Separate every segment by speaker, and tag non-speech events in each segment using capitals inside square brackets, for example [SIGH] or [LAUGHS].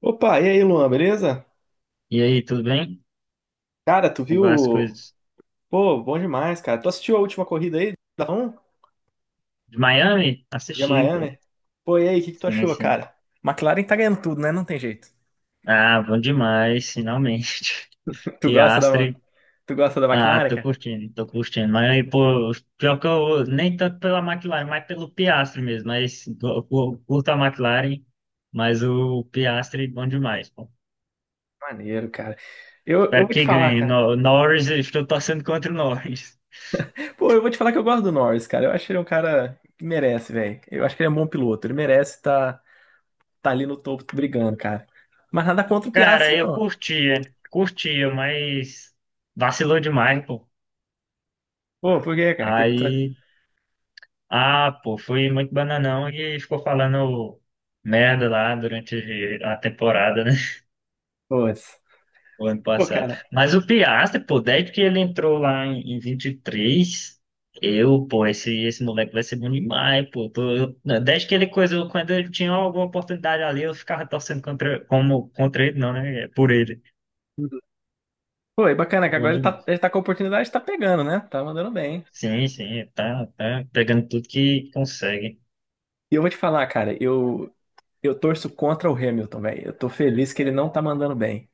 Speaker 1: Opa, e aí, Luan, beleza?
Speaker 2: E aí, tudo bem?
Speaker 1: Cara, tu
Speaker 2: Como vão
Speaker 1: viu?
Speaker 2: as coisas?
Speaker 1: Pô, bom demais, cara. Tu assistiu a última corrida aí da F1
Speaker 2: De Miami?
Speaker 1: de
Speaker 2: Assisti, pô.
Speaker 1: Miami? Pô, e aí, o que que tu achou,
Speaker 2: Assistência.
Speaker 1: cara? McLaren tá ganhando tudo, né? Não tem jeito.
Speaker 2: Ah, bom demais, finalmente.
Speaker 1: [LAUGHS]
Speaker 2: [LAUGHS]
Speaker 1: Tu gosta da,
Speaker 2: Piastre.
Speaker 1: tu gosta da
Speaker 2: Ah,
Speaker 1: McLaren,
Speaker 2: tô
Speaker 1: cara?
Speaker 2: curtindo, tô curtindo. Miami, pô, pior que eu, nem tanto pela McLaren, mas pelo Piastre mesmo. Mas curto a McLaren, mas o Piastre, bom demais, pô.
Speaker 1: Maneiro, cara. Eu
Speaker 2: Espero
Speaker 1: vou te
Speaker 2: que
Speaker 1: falar,
Speaker 2: ganhe.
Speaker 1: cara.
Speaker 2: Norris, eu estou torcendo contra o Norris.
Speaker 1: Pô, eu vou te falar que eu gosto do Norris, cara. Eu acho que ele é um cara que merece, velho. Eu acho que ele é um bom piloto. Ele merece estar tá, tá ali no topo brigando, cara. Mas nada contra o
Speaker 2: Cara,
Speaker 1: Piastri,
Speaker 2: eu
Speaker 1: não.
Speaker 2: curtia, curtia, mas vacilou demais, pô.
Speaker 1: Pô, por quê, cara? O que que tu...
Speaker 2: Aí. Ah, pô, fui muito bananão e ficou falando merda lá durante a temporada, né? [LAUGHS]
Speaker 1: Pô,
Speaker 2: O ano
Speaker 1: pô,
Speaker 2: passado.
Speaker 1: cara.
Speaker 2: Mas o Piastri, pô, desde que ele entrou lá em 23, eu, pô, esse moleque vai ser bom demais, pô. Não, desde que ele coisou, quando ele tinha alguma oportunidade ali, eu ficava torcendo contra, como, contra ele, não, né? É, por ele.
Speaker 1: Pô, é bacana que
Speaker 2: Bom
Speaker 1: agora
Speaker 2: demais.
Speaker 1: ele tá com a oportunidade, tá pegando, né? Tá mandando bem.
Speaker 2: Sim, sim, tá, tá pegando tudo que consegue.
Speaker 1: E eu vou te falar, cara, eu torço contra o Hamilton, velho. Eu tô feliz que ele não tá mandando bem.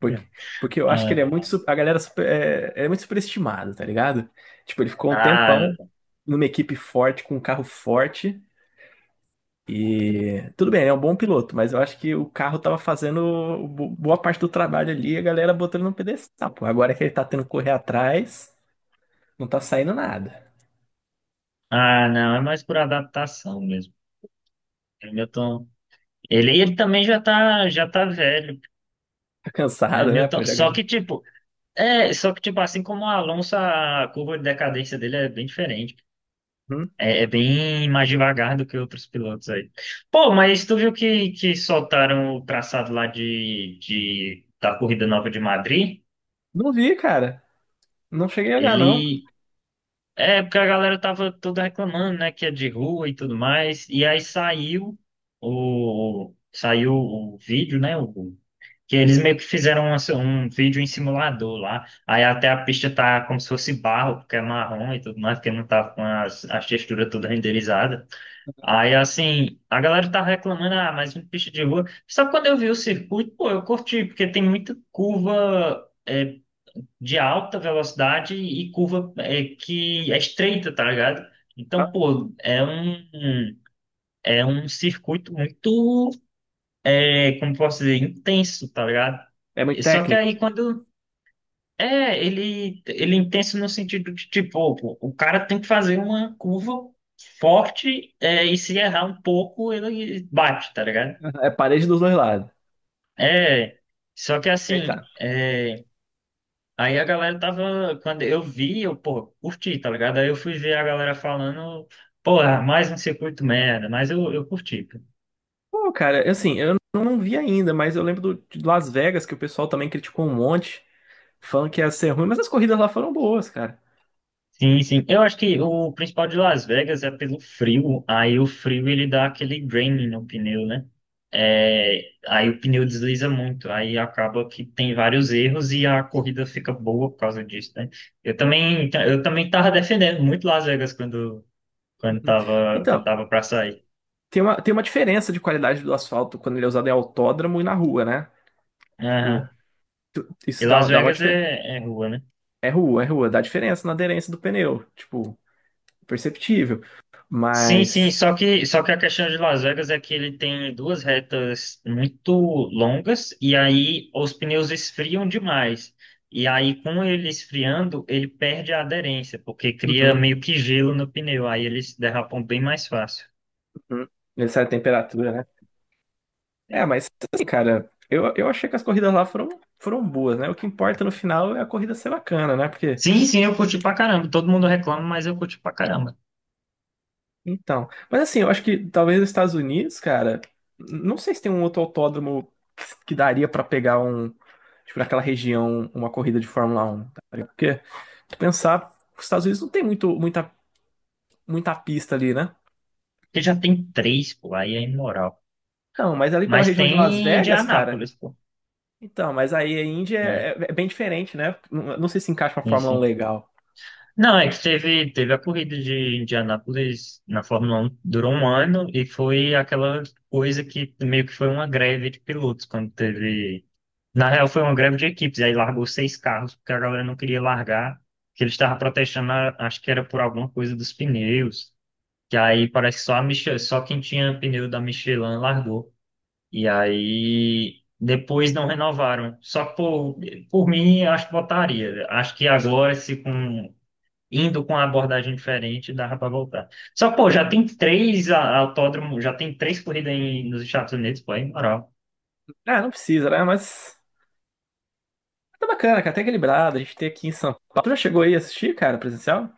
Speaker 1: Porque,
Speaker 2: Ah,
Speaker 1: porque eu acho que ele é muito. Su- A galera super- é, é muito superestimada, tá ligado? Tipo, ele ficou um tempão
Speaker 2: ah,
Speaker 1: numa equipe forte, com um carro forte. E tudo bem, ele é um bom piloto, mas eu acho que o carro tava fazendo bo- boa parte do trabalho ali e a galera botando no pedestal, pô. Agora que ele tá tendo que correr atrás, não tá saindo nada.
Speaker 2: ah, não, é mais por adaptação mesmo. O Milton, ele também já tá velho,
Speaker 1: Tá
Speaker 2: né,
Speaker 1: cansado, né? Pô,
Speaker 2: Milton?
Speaker 1: já
Speaker 2: Só
Speaker 1: ganhou.
Speaker 2: que, tipo, é, só que, tipo, assim como o Alonso, a curva de decadência dele é bem diferente. É, bem mais devagar do que outros pilotos aí. Pô, mas tu viu que soltaram o traçado lá da Corrida Nova de Madrid?
Speaker 1: Não vi, cara. Não cheguei a olhar, não.
Speaker 2: Ele. É, porque a galera tava toda reclamando, né, que é de rua e tudo mais. E aí saiu o vídeo, né? Que eles meio que fizeram um vídeo em simulador lá. Aí até a pista tá como se fosse barro, porque é marrom e tudo mais, porque não tá com as texturas todas renderizadas. Aí assim, a galera tá reclamando, ah, mas uma pista de rua. Só que quando eu vi o circuito, pô, eu curti, porque tem muita curva de alta velocidade e curva que é estreita, tá ligado? Então, pô, é um circuito muito, como posso dizer, intenso, tá ligado?
Speaker 1: É muito
Speaker 2: E só que
Speaker 1: técnico.
Speaker 2: aí quando. Ele é intenso no sentido de, tipo, o cara tem que fazer uma curva forte, e se errar um pouco, ele bate, tá ligado?
Speaker 1: É parede dos dois lados.
Speaker 2: É, só que
Speaker 1: Aí tá.
Speaker 2: assim, aí a galera tava, quando eu vi, eu, pô, curti, tá ligado? Aí eu fui ver a galera falando, pô, ah, mais um circuito merda, mas eu curti.
Speaker 1: Pô, cara, assim, eu não vi ainda, mas eu lembro do, de Las Vegas, que o pessoal também criticou um monte, falando que ia ser ruim, mas as corridas lá foram boas, cara.
Speaker 2: Sim, sim. Eu acho que o principal de Las Vegas é pelo frio. Aí o frio ele dá aquele draining no pneu, né? É, aí o pneu desliza muito. Aí acaba que tem vários erros e a corrida fica boa por causa disso, né? Eu também tava defendendo muito Las Vegas quando, quando
Speaker 1: Uhum.
Speaker 2: tava, quando
Speaker 1: Então,
Speaker 2: tava para sair.
Speaker 1: tem uma, tem uma diferença de qualidade do asfalto quando ele é usado em autódromo e na rua, né? Tipo,
Speaker 2: Aham. E
Speaker 1: isso
Speaker 2: Las
Speaker 1: dá, dá uma
Speaker 2: Vegas
Speaker 1: diferença.
Speaker 2: é rua, né?
Speaker 1: É rua, dá diferença na aderência do pneu. Tipo, perceptível.
Speaker 2: Sim, sim,
Speaker 1: Mas.
Speaker 2: só que a questão de Las Vegas é que ele tem duas retas muito longas e aí os pneus esfriam demais. E aí, com ele esfriando, ele perde a aderência, porque cria
Speaker 1: Uhum,
Speaker 2: meio que gelo no pneu, aí eles derrapam bem mais fácil.
Speaker 1: uhum. Ele sai a temperatura, né? É,
Speaker 2: Sim,
Speaker 1: mas assim, cara, eu achei que as corridas lá foram, foram boas, né? O que importa no final é a corrida ser bacana, né? Porque
Speaker 2: sim, sim, eu curti pra caramba. Todo mundo reclama, mas eu curti pra caramba.
Speaker 1: então, mas assim, eu acho que talvez nos Estados Unidos, cara, não sei se tem um outro autódromo que daria pra pegar um, tipo, naquela região, uma corrida de Fórmula Um, tá ligado? Porque, se pensar, os Estados Unidos não tem muito, muita, muita pista ali, né?
Speaker 2: Porque já tem três, pô, aí é imoral.
Speaker 1: Não, mas ali pela
Speaker 2: Mas
Speaker 1: região de Las
Speaker 2: tem
Speaker 1: Vegas, cara,
Speaker 2: Indianápolis, pô.
Speaker 1: então, mas aí a Índia
Speaker 2: É,
Speaker 1: é, é é bem diferente, né? Não, não sei se encaixa uma
Speaker 2: sim,
Speaker 1: Fórmula Um
Speaker 2: sim.
Speaker 1: legal.
Speaker 2: Não, é que teve a corrida de Indianápolis na Fórmula 1, durou um ano e foi aquela coisa que meio que foi uma greve de pilotos, quando teve. Na real, foi uma greve de equipes, aí largou seis carros, porque a galera não queria largar, que eles estavam protestando, acho que era por alguma coisa dos pneus, que aí parece que só quem tinha pneu da Michelin largou. E aí depois não renovaram. Só por mim, acho que botaria. Acho que agora, se com indo com uma abordagem diferente, dava para voltar. Só, pô, já tem três autódromos, já tem três corridas nos Estados Unidos, pô, aí, moral.
Speaker 1: Ah, não precisa, né? Mas tá bacana, cara, até equilibrado. A gente tem aqui em São Paulo. Tu já chegou aí a assistir, cara, presencial?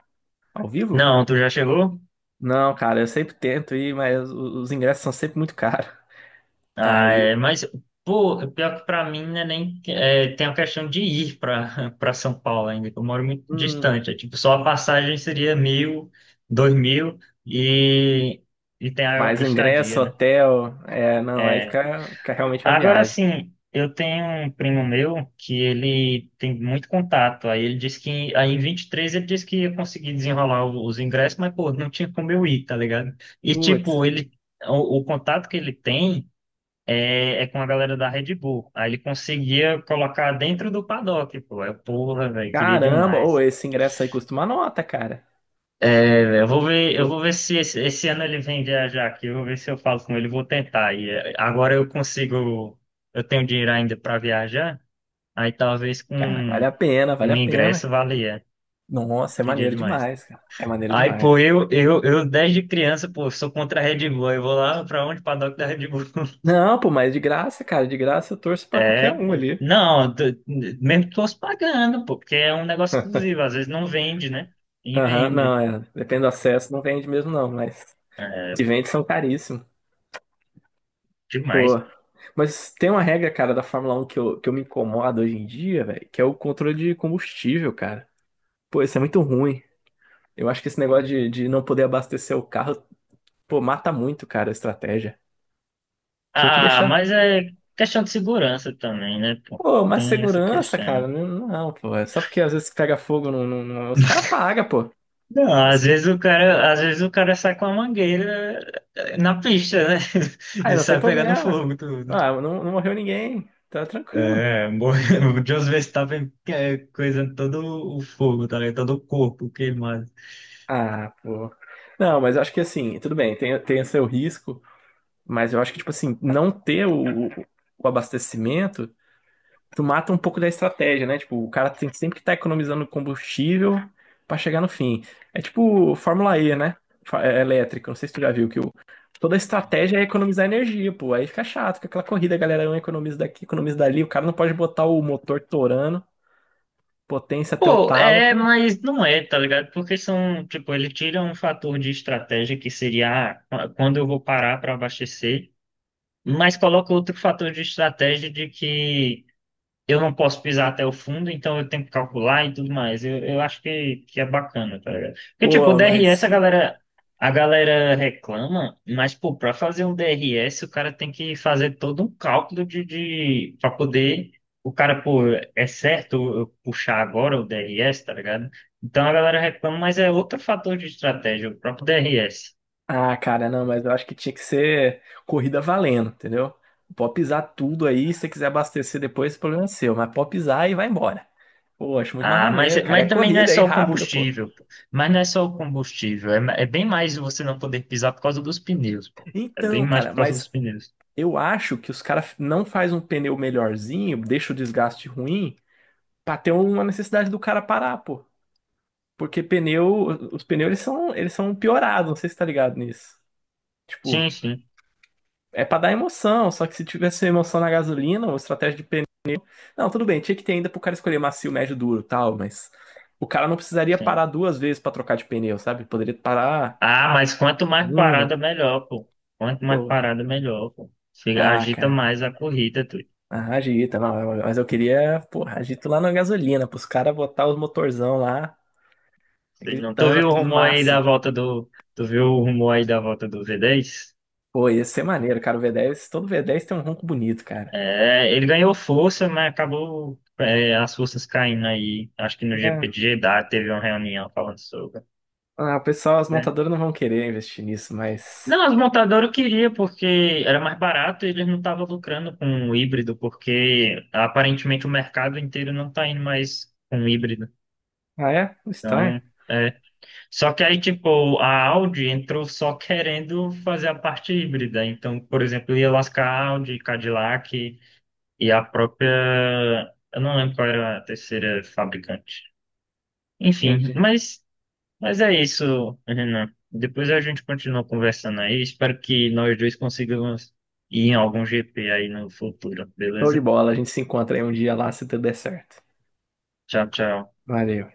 Speaker 1: Ao vivo?
Speaker 2: Não, tu já chegou?
Speaker 1: Não, cara, eu sempre tento ir, mas os ingressos são sempre muito caros.
Speaker 2: Ah,
Speaker 1: Aí,
Speaker 2: é, mas, pô, pior que pra mim, né, nem é, tem a questão de ir pra, [LAUGHS] pra São Paulo ainda, que eu moro muito
Speaker 1: hum,
Speaker 2: distante. É, tipo, só a passagem seria 1.000, 2.000 e, e tem a
Speaker 1: mais ingresso,
Speaker 2: estadia, né?
Speaker 1: hotel, é, não, aí
Speaker 2: É,
Speaker 1: fica, fica realmente uma
Speaker 2: agora
Speaker 1: viagem.
Speaker 2: sim, eu tenho um primo meu que ele tem muito contato. Aí ele disse que, aí em 23 ele disse que ia conseguir desenrolar os ingressos, mas pô, não tinha como eu ir, tá ligado? E
Speaker 1: Putz,
Speaker 2: tipo, ele, o contato que ele tem é com a galera da Red Bull. Aí ele conseguia colocar dentro do paddock, pô. Eu, porra, velho, queria
Speaker 1: caramba, ou
Speaker 2: demais.
Speaker 1: esse ingresso aí custa uma nota, cara.
Speaker 2: É, velho, eu vou ver, eu
Speaker 1: Tipo,
Speaker 2: vou ver se esse ano ele vem viajar aqui. Eu vou ver se eu falo com ele, vou tentar. E é, agora eu consigo, eu tenho dinheiro ainda para viajar. Aí talvez com
Speaker 1: cara, vale a pena, vale
Speaker 2: um
Speaker 1: a pena.
Speaker 2: ingresso valia.
Speaker 1: Nossa, é
Speaker 2: Queria
Speaker 1: maneiro
Speaker 2: demais.
Speaker 1: demais, cara. É maneiro
Speaker 2: Aí, pô,
Speaker 1: demais.
Speaker 2: eu desde criança, pô, sou contra a Red Bull. Eu vou lá pra onde? Paddock da Red Bull. [LAUGHS]
Speaker 1: Não, pô, mas de graça, cara, de graça eu torço pra qualquer
Speaker 2: É,
Speaker 1: um
Speaker 2: pô.
Speaker 1: ali.
Speaker 2: Não, mesmo que fosse pagando, pô, porque é um negócio exclusivo. Às vezes não vende, né? E
Speaker 1: Aham, não,
Speaker 2: vende
Speaker 1: é. Depende do acesso, não vende mesmo, não, mas os que vende são caríssimos. Pô.
Speaker 2: demais.
Speaker 1: Mas tem uma regra, cara, da Fórmula Um que eu me incomodo hoje em dia, velho, que é o controle de combustível, cara. Pô, isso é muito ruim. Eu acho que esse negócio de não poder abastecer o carro, pô, mata muito, cara, a estratégia. Tinha que
Speaker 2: Ah,
Speaker 1: deixar.
Speaker 2: mas é questão de segurança também, né, pô?
Speaker 1: Pô, mais
Speaker 2: Tem essa
Speaker 1: segurança, cara.
Speaker 2: questão.
Speaker 1: Não, não, pô. É só porque às vezes pega fogo, não, não- não- os caras
Speaker 2: [LAUGHS]
Speaker 1: pagam, pô.
Speaker 2: Não,
Speaker 1: Mas,
Speaker 2: às vezes o cara sai com a mangueira na pista, né? [LAUGHS]
Speaker 1: ah,
Speaker 2: E
Speaker 1: não tem
Speaker 2: sai pegando
Speaker 1: problema.
Speaker 2: fogo tudo.
Speaker 1: Ah, não, não morreu ninguém. Tá tranquilo.
Speaker 2: É, [LAUGHS] o Jos Verstappen coisando todo o fogo, tá ligado? Todo o corpo queimado.
Speaker 1: Ah, pô. Não, mas eu acho que assim, tudo bem, tem, tem seu risco, mas eu acho que, tipo assim, não ter o abastecimento, tu mata um pouco da estratégia, né? Tipo, o cara tem sempre que estar economizando combustível pra chegar no fim. É tipo Fórmula E, né? Fa- É elétrica, não sei se tu já viu que o, toda a estratégia é economizar energia, pô. Aí fica chato, fica aquela corrida, a galera um economiza daqui, economiza dali, o cara não pode botar o motor torando, potência até o
Speaker 2: Pô,
Speaker 1: talo,
Speaker 2: é,
Speaker 1: pô,
Speaker 2: mas não é, tá ligado? Porque são, tipo, ele tira um fator de estratégia que seria ah, quando eu vou parar para abastecer, mas coloca outro fator de estratégia de que eu não posso pisar até o fundo, então eu tenho que calcular e tudo mais. Eu acho que é bacana, tá ligado? Porque, tipo, o
Speaker 1: pô,
Speaker 2: DRS
Speaker 1: mas.
Speaker 2: a galera reclama, mas, pô, pra fazer um DRS, o cara tem que fazer todo um cálculo pra poder. O cara, pô, é certo eu puxar agora o DRS, tá ligado? Então a galera reclama, mas é outro fator de estratégia, o próprio DRS.
Speaker 1: Ah, cara, não, mas eu acho que tinha que ser corrida valendo, entendeu? Pode pisar tudo aí, se você quiser abastecer depois, o problema é seu, mas pode pisar e vai embora. Pô, acho muito mais
Speaker 2: Ah, mas,
Speaker 1: maneiro, cara. É
Speaker 2: mas também não é
Speaker 1: corrida aí,
Speaker 2: só o
Speaker 1: rápido, pô.
Speaker 2: combustível, pô. Mas não é só o combustível. É bem mais você não poder pisar por causa dos pneus, pô. É bem
Speaker 1: Então,
Speaker 2: mais
Speaker 1: cara,
Speaker 2: por causa dos
Speaker 1: mas
Speaker 2: pneus.
Speaker 1: eu acho que os caras não faz um pneu melhorzinho, deixa o desgaste ruim, pra ter uma necessidade do cara parar, pô. Porque pneu, os pneus eles são piorados, não sei se tá ligado nisso. Tipo,
Speaker 2: Sim, sim,
Speaker 1: é pra dar emoção, só que se tivesse emoção na gasolina, uma estratégia de pneu não, tudo bem, tinha que ter ainda pro cara escolher macio, médio, duro, e tal, mas o cara não precisaria
Speaker 2: sim.
Speaker 1: parar duas vezes pra trocar de pneu, sabe? Poderia parar
Speaker 2: Ah, mas quanto mais parada,
Speaker 1: uma,
Speaker 2: melhor, pô. Quanto mais
Speaker 1: pô.
Speaker 2: parada, melhor, pô.
Speaker 1: Ah,
Speaker 2: Agita
Speaker 1: cara.
Speaker 2: mais a corrida, tu.
Speaker 1: Ah, agita, não, mas eu queria, porra, agito lá na gasolina, pros caras botar os motorzão lá,
Speaker 2: Sei. Não, tu
Speaker 1: gritando
Speaker 2: viu o
Speaker 1: tudo no
Speaker 2: rumor aí da
Speaker 1: máximo.
Speaker 2: volta do. Tu viu o rumor aí da volta do V10?
Speaker 1: Pô, ia ser maneiro, cara, o V10, todo V10 tem um ronco bonito, cara.
Speaker 2: É, ele ganhou força, mas acabou, as forças caindo aí. Acho que no GP
Speaker 1: É.
Speaker 2: de Jeddah teve uma reunião falando sobre.
Speaker 1: Ah, o pessoal, as montadoras não vão querer investir nisso, mas...
Speaker 2: Não, as montadoras eu queria, porque era mais barato e eles não estavam lucrando com o híbrido, porque aparentemente o mercado inteiro não está indo mais com o híbrido.
Speaker 1: Ah, é? Estranho?
Speaker 2: Então, é. Só que aí, tipo, a Audi entrou só querendo fazer a parte híbrida. Então, por exemplo, ia lascar a Audi, Cadillac e a própria. Eu não lembro qual era a terceira fabricante. Enfim,
Speaker 1: Entendi.
Speaker 2: mas é isso, Renan. Depois a gente continua conversando aí. Espero que nós dois consigamos ir em algum GP aí no futuro,
Speaker 1: Show de
Speaker 2: beleza?
Speaker 1: bola, a gente se encontra aí um dia lá, se tudo der certo.
Speaker 2: Tchau, tchau.
Speaker 1: Valeu.